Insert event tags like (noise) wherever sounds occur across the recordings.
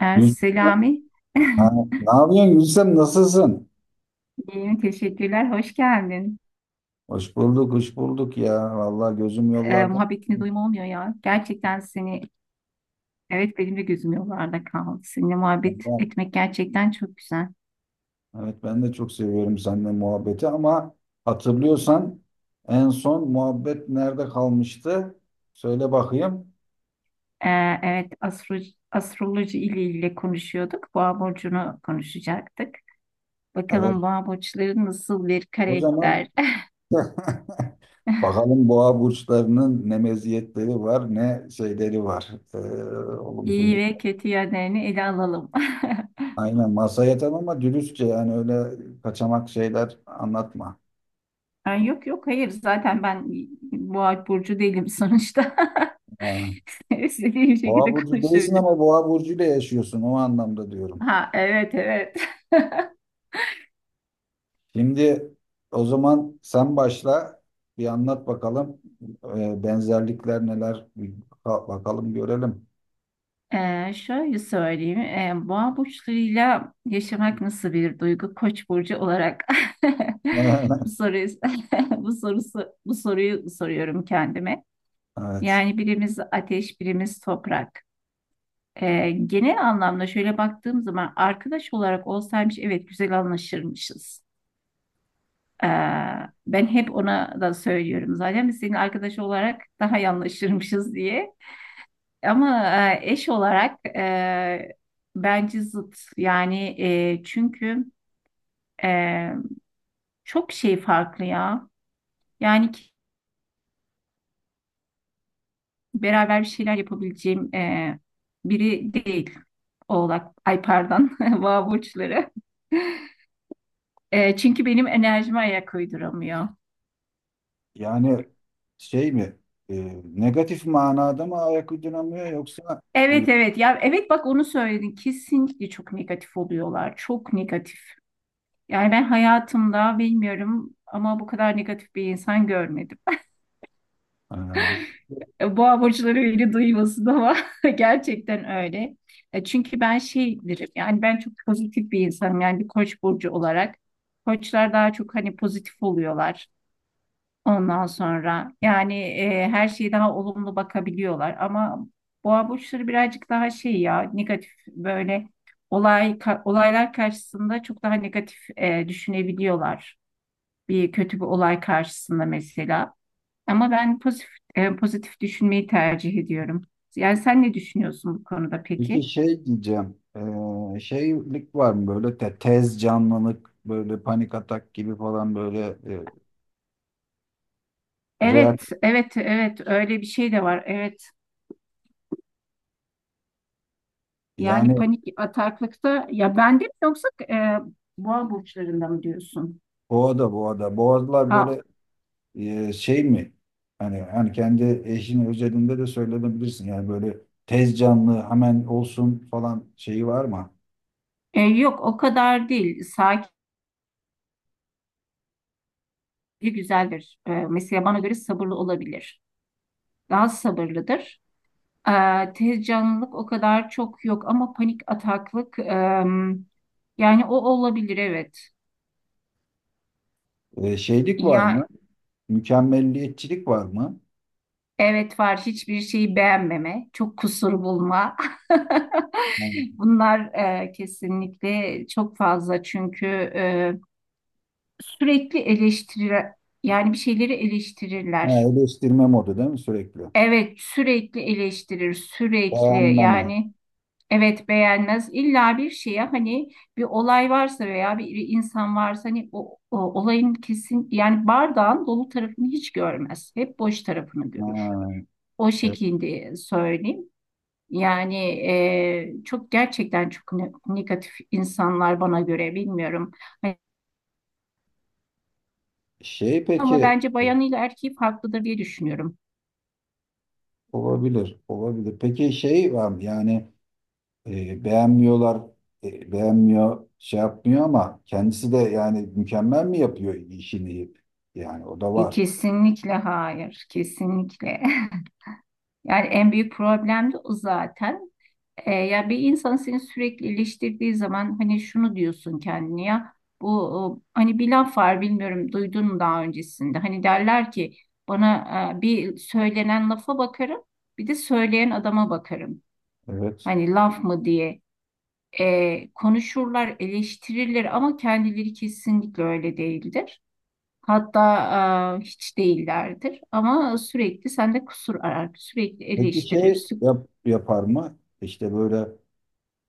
Gülsüm, Selami, (laughs) ha, ne yapıyorsun Gülsüm? Nasılsın? iyiyim, teşekkürler, hoş geldin. Hoş bulduk, hoş bulduk ya. Vallahi gözüm yollarda. Muhabbetini duyma olmuyor ya. Gerçekten seni, evet benim de gözüm yollarda kaldı. Seninle muhabbet Allah, etmek gerçekten çok güzel. evet ben de çok seviyorum seninle muhabbeti ama hatırlıyorsan en son muhabbet nerede kalmıştı? Söyle bakayım. Evet, astroloji ile ilgili konuşuyorduk. Boğa burcunu konuşacaktık. Evet, Bakalım boğa burçları nasıl bir o zaman karakter? (laughs) (laughs) bakalım boğa burçlarının ne meziyetleri var, ne şeyleri var. Ee, İyi Olumsuzluk. ve kötü yönlerini ele alalım. (laughs) Aynen masaya yatan ama dürüstçe yani öyle kaçamak şeyler anlatma. Ay, yok, yok, hayır zaten ben boğa burcu değilim sonuçta. Ha. (laughs) İstediğim Boğa şekilde burcu değilsin konuşabilirim. ama boğa burcuyla yaşıyorsun o anlamda diyorum. Ha, evet, evet. (laughs) Şimdi o zaman sen başla bir anlat bakalım. Benzerlikler neler bir bakalım görelim. Şöyle söyleyeyim. Boğa burçlarıyla yaşamak nasıl bir duygu? Koç burcu olarak (laughs) bu (laughs) soruyu (laughs) bu soruyu soruyorum kendime. Evet. Yani birimiz ateş, birimiz toprak. Genel anlamda şöyle baktığım zaman arkadaş olarak olsaymış evet güzel anlaşırmışız. Ee, Ben hep ona da söylüyorum zaten biz senin arkadaş olarak daha iyi anlaşırmışız diye. Ama eş olarak bence zıt. Yani çünkü e, çok şey farklı ya. Yani beraber bir şeyler yapabileceğim biri değil. Oğlak, ay pardon, (laughs) boğa burçları. Çünkü benim enerjime ayak uyduramıyor. Yani şey mi, negatif manada mı ayak uyduramıyor yoksa? e, Evet, evet ya, evet bak onu söyledin, kesinlikle çok negatif oluyorlar, çok negatif. Yani ben hayatımda bilmiyorum ama bu kadar negatif bir insan görmedim. (laughs) e, Boğa burçları öyle duymasın ama (laughs) gerçekten öyle. Çünkü ben şeydirim yani ben çok pozitif bir insanım yani bir koç burcu olarak. Koçlar daha çok hani pozitif oluyorlar ondan sonra. Yani her şeye daha olumlu bakabiliyorlar ama boğa burçları birazcık daha şey ya negatif böyle olaylar karşısında çok daha negatif düşünebiliyorlar. Bir kötü bir olay karşısında mesela. Ama ben pozitif pozitif düşünmeyi tercih ediyorum. Yani sen ne düşünüyorsun bu konuda peki peki? şey diyeceğim, şeylik var mı böyle tez canlılık böyle panik atak gibi falan böyle reaksiyon Evet, evet, evet öyle bir şey de var. Evet. Yani yani. panik ataklıkta ya bende mi yoksa boğa burçlarında mı diyorsun? Boğa'da Boğa'da. Boğazlar Ha, böyle, şey mi? Hani kendi eşinin özelinde de söylenebilirsin. Yani böyle tez canlı hemen olsun falan şeyi var mı? Yok o kadar değil. Sakin güzeldir. Mesela bana göre sabırlı olabilir. Daha sabırlıdır. Tez canlılık o kadar çok yok ama panik ataklık, yani o olabilir evet. Şeylik var mı? Ya, Mükemmelliyetçilik var mı? evet var hiçbir şeyi beğenmeme, çok kusur bulma. (laughs) Yani, Bunlar, kesinlikle çok fazla çünkü eee, sürekli eleştirir yani bir şeyleri ha, eleştirirler. eleştirme modu değil mi sürekli? Evet, sürekli eleştirir sürekli Beğenmeme. yani. Evet, beğenmez. İlla bir şeye hani bir olay varsa veya bir insan varsa hani o olayın kesin yani bardağın dolu tarafını hiç görmez. Hep boş tarafını Ha, görür. O e, şekilde söyleyeyim. Yani çok gerçekten çok negatif insanlar bana göre bilmiyorum. Hani şey ama peki bence bayanıyla erkeği farklıdır diye düşünüyorum. olabilir, olabilir. Peki şey var mı? Yani beğenmiyorlar, beğenmiyor, şey yapmıyor ama kendisi de yani mükemmel mi yapıyor işini? Yani o da var. Kesinlikle hayır. Kesinlikle. (laughs) Yani en büyük problem de o zaten. Ya bir insan seni sürekli eleştirdiği zaman hani şunu diyorsun kendine, ya bu o, hani bir laf var bilmiyorum duydun mu daha öncesinde. Hani derler ki bana bir söylenen lafa bakarım, bir de söyleyen adama bakarım. Evet. Hani laf mı diye, konuşurlar, eleştirirler ama kendileri kesinlikle öyle değildir. Hatta hiç değillerdir ama sürekli sende kusur arar, sürekli Peki eleştirir, yapar mı? İşte böyle,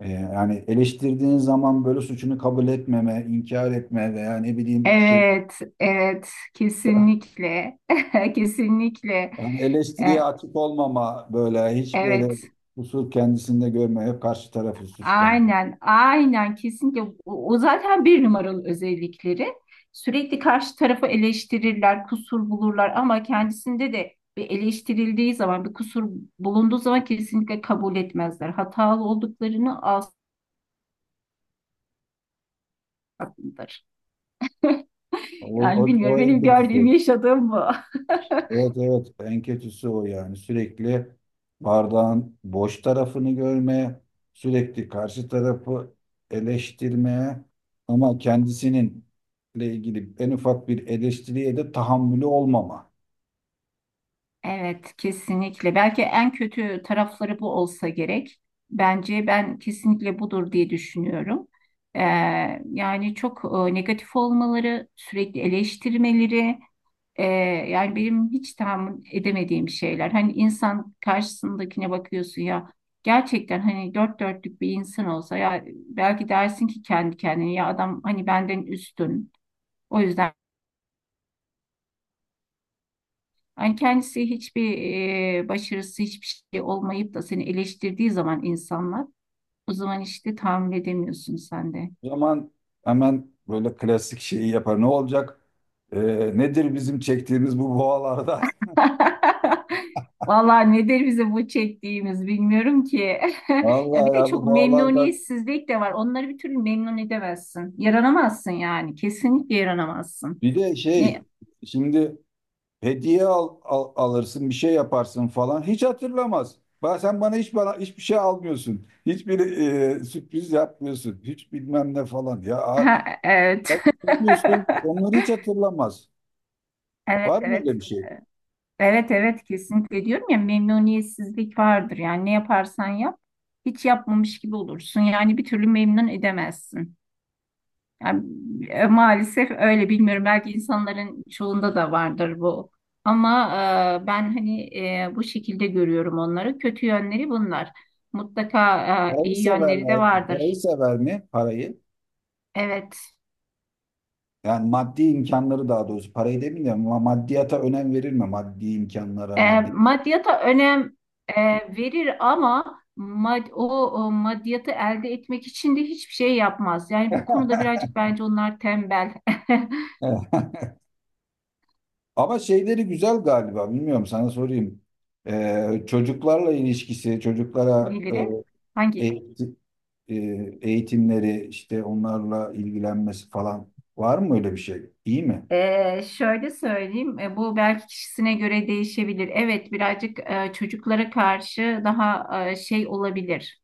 yani eleştirdiğin zaman böyle suçunu kabul etmeme, inkar etme veya ne bileyim şey, Evet, evet, kesinlikle, (laughs) kesinlikle. yani E, eleştiriye açık olmama böyle hiç böyle evet, kusur kendisinde görmeye karşı tarafı suçlama. aynen, aynen, kesinlikle. O zaten bir numaralı özellikleri. Sürekli karşı tarafı eleştirirler, kusur bulurlar ama kendisinde de bir eleştirildiği zaman, bir kusur bulunduğu zaman kesinlikle kabul etmezler. Hatalı olduklarını asla. (laughs) O, Yani bilmiyorum, O en benim kötüsü. gördüğüm, yaşadığım bu. (laughs) Evet evet en kötüsü o yani sürekli bardağın boş tarafını görmeye, sürekli karşı tarafı eleştirmeye ama kendisinin ile ilgili en ufak bir eleştiriye de tahammülü olmama. Evet, kesinlikle. Belki en kötü tarafları bu olsa gerek. Bence ben kesinlikle budur diye düşünüyorum. Ee, Yani çok negatif olmaları, sürekli eleştirmeleri, e, yani benim hiç tahammül edemediğim şeyler. Hani insan karşısındakine bakıyorsun ya, gerçekten hani dört dörtlük bir insan olsa ya belki dersin ki kendi kendine ya adam hani benden üstün. O yüzden, yani kendisi hiçbir başarısı hiçbir şey olmayıp da seni eleştirdiği zaman insanlar, o zaman işte tahammül edemiyorsun sen de. O zaman hemen böyle klasik şeyi yapar. Ne olacak? Ee, Nedir bizim çektiğimiz bu boğalardan? (laughs) Vallahi nedir bizim bu çektiğimiz bilmiyorum ki. (laughs) (laughs) Ya Vallahi bir de ya bu çok boğalardan. memnuniyetsizlik de var. Onları bir türlü memnun edemezsin. Yaranamazsın yani. Kesinlikle yaranamazsın. Bir de Ne? şey şimdi, hediye alırsın, bir şey yaparsın falan. Hiç hatırlamaz. Sen bana hiçbir şey almıyorsun. Hiçbir, sürpriz yapmıyorsun. Hiç bilmem ne falan. Ha, evet. Bak yapıyorsun, (laughs) onları hiç hatırlamaz. Evet, Var mı evet. öyle bir şey? Evet, evet kesinlikle diyorum ya, memnuniyetsizlik vardır. Yani ne yaparsan yap hiç yapmamış gibi olursun. Yani bir türlü memnun edemezsin. Yani, maalesef öyle bilmiyorum. Belki insanların çoğunda da vardır bu. Ama ben hani bu şekilde görüyorum onları. Kötü yönleri bunlar. Mutlaka Parayı iyi yönleri de severler, parayı vardır. sever mi? Parayı. Evet. Yani maddi imkanları daha doğrusu. Parayı demeyeyim de maddiyata önem verir mi? Maddi imkanlara, maddi. Maddiyata önem e, verir ama o maddiyatı elde etmek için de hiçbir şey yapmaz. Yani bu konuda (laughs) birazcık bence onlar tembel Ama şeyleri güzel galiba. Bilmiyorum sana sorayım. Çocuklarla ilişkisi, (laughs) çocuklara diyebiliriz. Hangi? eğit- e, eğitimleri, işte onlarla ilgilenmesi falan var mı öyle bir şey? İyi mi? Şöyle söyleyeyim, bu belki kişisine göre değişebilir. Evet, birazcık çocuklara karşı daha şey olabilir.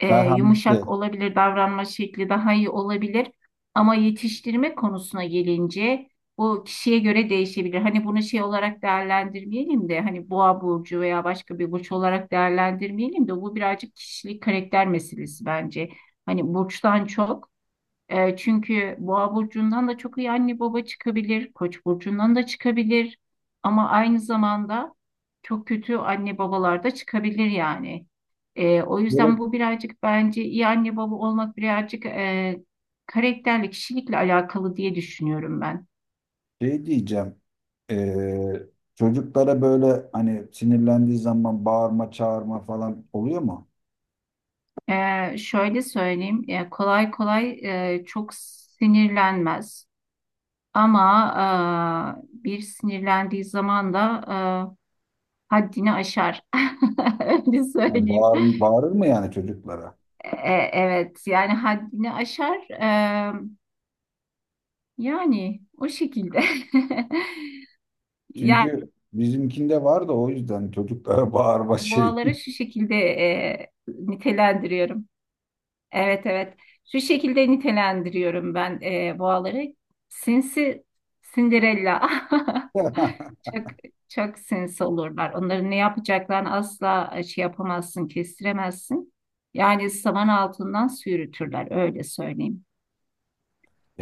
Yumuşak Merhametli. olabilir, davranma şekli daha iyi olabilir. Ama yetiştirme konusuna gelince bu kişiye göre değişebilir. Hani bunu şey olarak değerlendirmeyelim de hani boğa burcu veya başka bir burç olarak değerlendirmeyelim de bu birazcık kişilik karakter meselesi bence. Hani burçtan çok. Çünkü Boğa burcundan da çok iyi anne baba çıkabilir, Koç burcundan da çıkabilir ama aynı zamanda çok kötü anne babalar da çıkabilir yani. O Böyle yüzden bu birazcık bence iyi anne baba olmak birazcık karakterle, kişilikle alakalı diye düşünüyorum ben. şey diyeceğim. Ee, Çocuklara böyle hani sinirlendiği zaman bağırma, çağırma falan oluyor mu? Şöyle söyleyeyim, kolay kolay çok sinirlenmez ama bir sinirlendiği zaman da haddini aşar. (laughs) Öyle Yani söyleyeyim. Bağırır mı yani çocuklara? Evet, yani haddini aşar. Yani o şekilde. (laughs) Yani Çünkü bizimkinde var da o yüzden çocuklara bağırma şey. boğaları şu şekilde nitelendiriyorum. Evet, evet. Şu şekilde nitelendiriyorum ben boğaları. Sinsi Cinderella. (laughs) (laughs) Çok çok sinsi olurlar. Onların ne yapacaklarını asla şey yapamazsın, kestiremezsin. Yani saman altından sürütürler öyle söyleyeyim.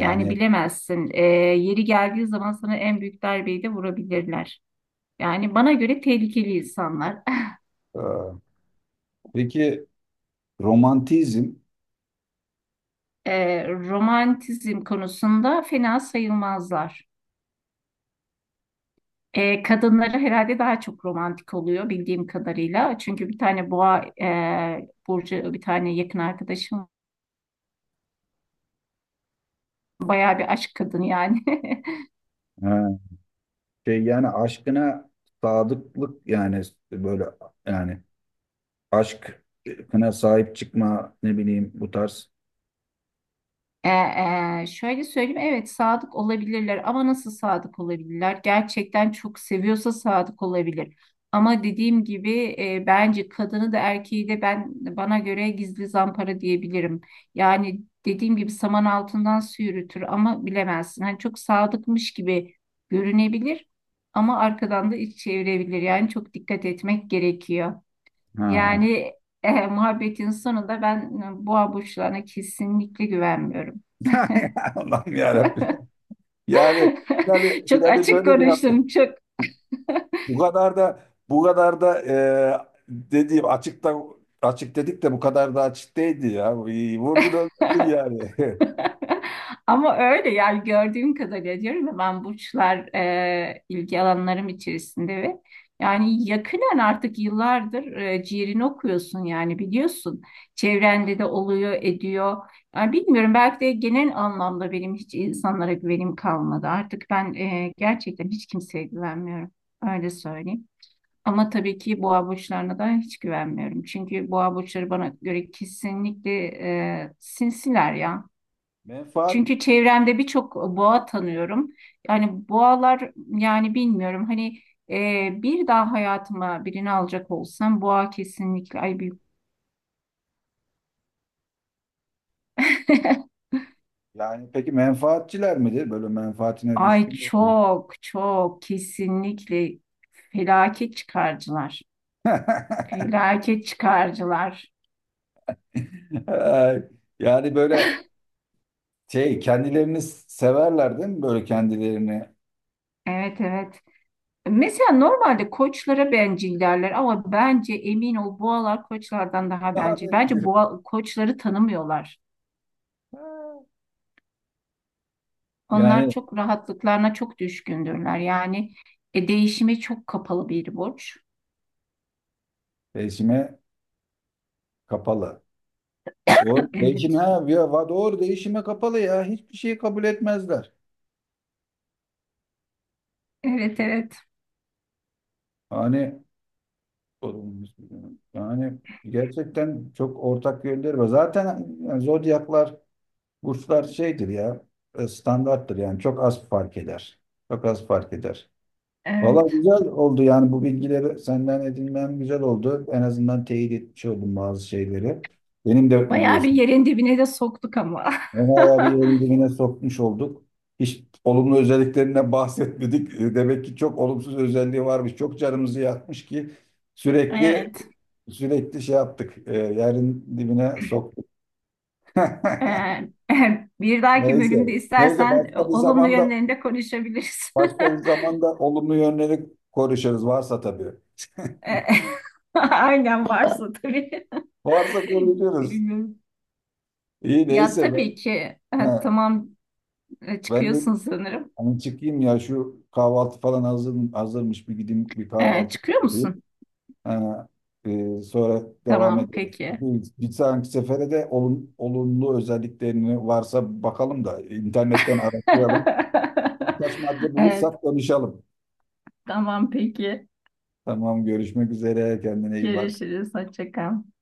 Yani bilemezsin. Yeri geldiği zaman sana en büyük darbeyi de vurabilirler. Yani bana göre tehlikeli insanlar. (laughs) aa, peki romantizm, Romantizm konusunda fena sayılmazlar. Kadınları herhalde daha çok romantik oluyor bildiğim kadarıyla. Çünkü bir tane boğa burcu, bir tane yakın arkadaşım bayağı bir aşk kadını yani. (laughs) ha, şey yani aşkına sadıklık yani böyle yani aşkına sahip çıkma ne bileyim bu tarz. E, Şöyle söyleyeyim, evet sadık olabilirler ama nasıl sadık olabilirler? Gerçekten çok seviyorsa sadık olabilir. Ama dediğim gibi bence kadını da erkeği de ben, bana göre gizli zampara diyebilirim. Yani dediğim gibi saman altından su yürütür ama bilemezsin. Hani çok sadıkmış gibi görünebilir ama arkadan da iç çevirebilir. Yani çok dikkat etmek gerekiyor. Ha. Yani muhabbetin sonunda ben boğa burçlarına kesinlikle güvenmiyorum. (laughs) Allah'ım yarabbim. Yani yani (laughs) Çok yani açık böyle bir yaptı. konuştum çok. Bu kadar da Bu kadar da, dediğim açıkta, açık dedik de bu kadar da açık değildi ya. Vurdun öldürdün yani. (laughs) Ama öyle yani gördüğüm kadarıyla diyorum ya, ben burçlar ilgi alanlarım içerisinde ve yani yakinen artık yıllardır ciğerini okuyorsun yani biliyorsun. Çevrende de oluyor ediyor. Yani bilmiyorum, belki de genel anlamda benim hiç insanlara güvenim kalmadı. Artık ben gerçekten hiç kimseye güvenmiyorum. Öyle söyleyeyim. Ama tabii ki boğa burçlarına da hiç güvenmiyorum. Çünkü boğa burçları bana göre kesinlikle sinsiler ya. (laughs) Menfaat, Çünkü çevremde birçok boğa tanıyorum. Yani boğalar, yani bilmiyorum hani bir daha hayatıma birini alacak olsam boğa kesinlikle, ay büyük. (laughs) yani peki menfaatçiler midir? Böyle menfaatine Ay düşkün. çok çok kesinlikle felaket çıkarcılar. (laughs) Felaket çıkarcılar. Ay, yani böyle şey kendilerini severler değil mi böyle kendilerini? (laughs) Evet, evet. Mesela normalde koçlara bencil derler ama bence emin ol boğalar koçlardan daha Daha bencil. Bence bencil. boğa koçları tanımıyorlar. Onlar Yani çok rahatlıklarına çok düşkündürler. Yani değişime çok kapalı bir burç. değişime kapalı. Doğru (laughs) değişim, Evet, doğru değişime kapalı ya hiçbir şeyi kabul etmezler. evet, evet, Hani yani gerçekten çok ortak yönleri var. Zaten yani zodyaklar, burçlar şeydir ya, standarttır yani çok az fark eder. Çok az fark eder. Valla evet. güzel oldu yani bu bilgileri senden edinmem güzel oldu. En azından teyit etmiş oldum bazı şeyleri. Benim de Bayağı bir biliyorsun. yerin dibine de soktuk ama. (laughs) Onayla bir yerin dibine sokmuş olduk. Hiç olumlu özelliklerinden (laughs) bahsetmedik. Demek ki çok olumsuz özelliği varmış. Çok canımızı yakmış ki sürekli Evet. sürekli şey yaptık. Yerin dibine soktuk. (laughs) Ee, (laughs) Bir dahaki bölümde Neyse. Neyse istersen başka bir olumlu zamanda yönlerinde konuşabiliriz. Başka bir (laughs) zamanda olumlu yönleri konuşuruz varsa tabii. Ee, (laughs) Aynen varsa tabii. Varsa (laughs) konuşuruz. Bilmiyorum. İyi Ya neyse. tabii ki, Ha, tamam, ben de çıkıyorsun sanırım. hani çıkayım ya şu kahvaltı falan hazırmış, bir gideyim bir kahvaltı Çıkıyor yapayım. musun? Ha, sonra devam Tamam ederiz. peki. Bu bir sonraki sefere de olumlu özelliklerini varsa bakalım da internetten araştıralım. Birkaç madde (laughs) Evet, bulursak konuşalım. tamam peki. Tamam, görüşmek üzere, kendine iyi bak. Görüşürüz. Hoşça kal.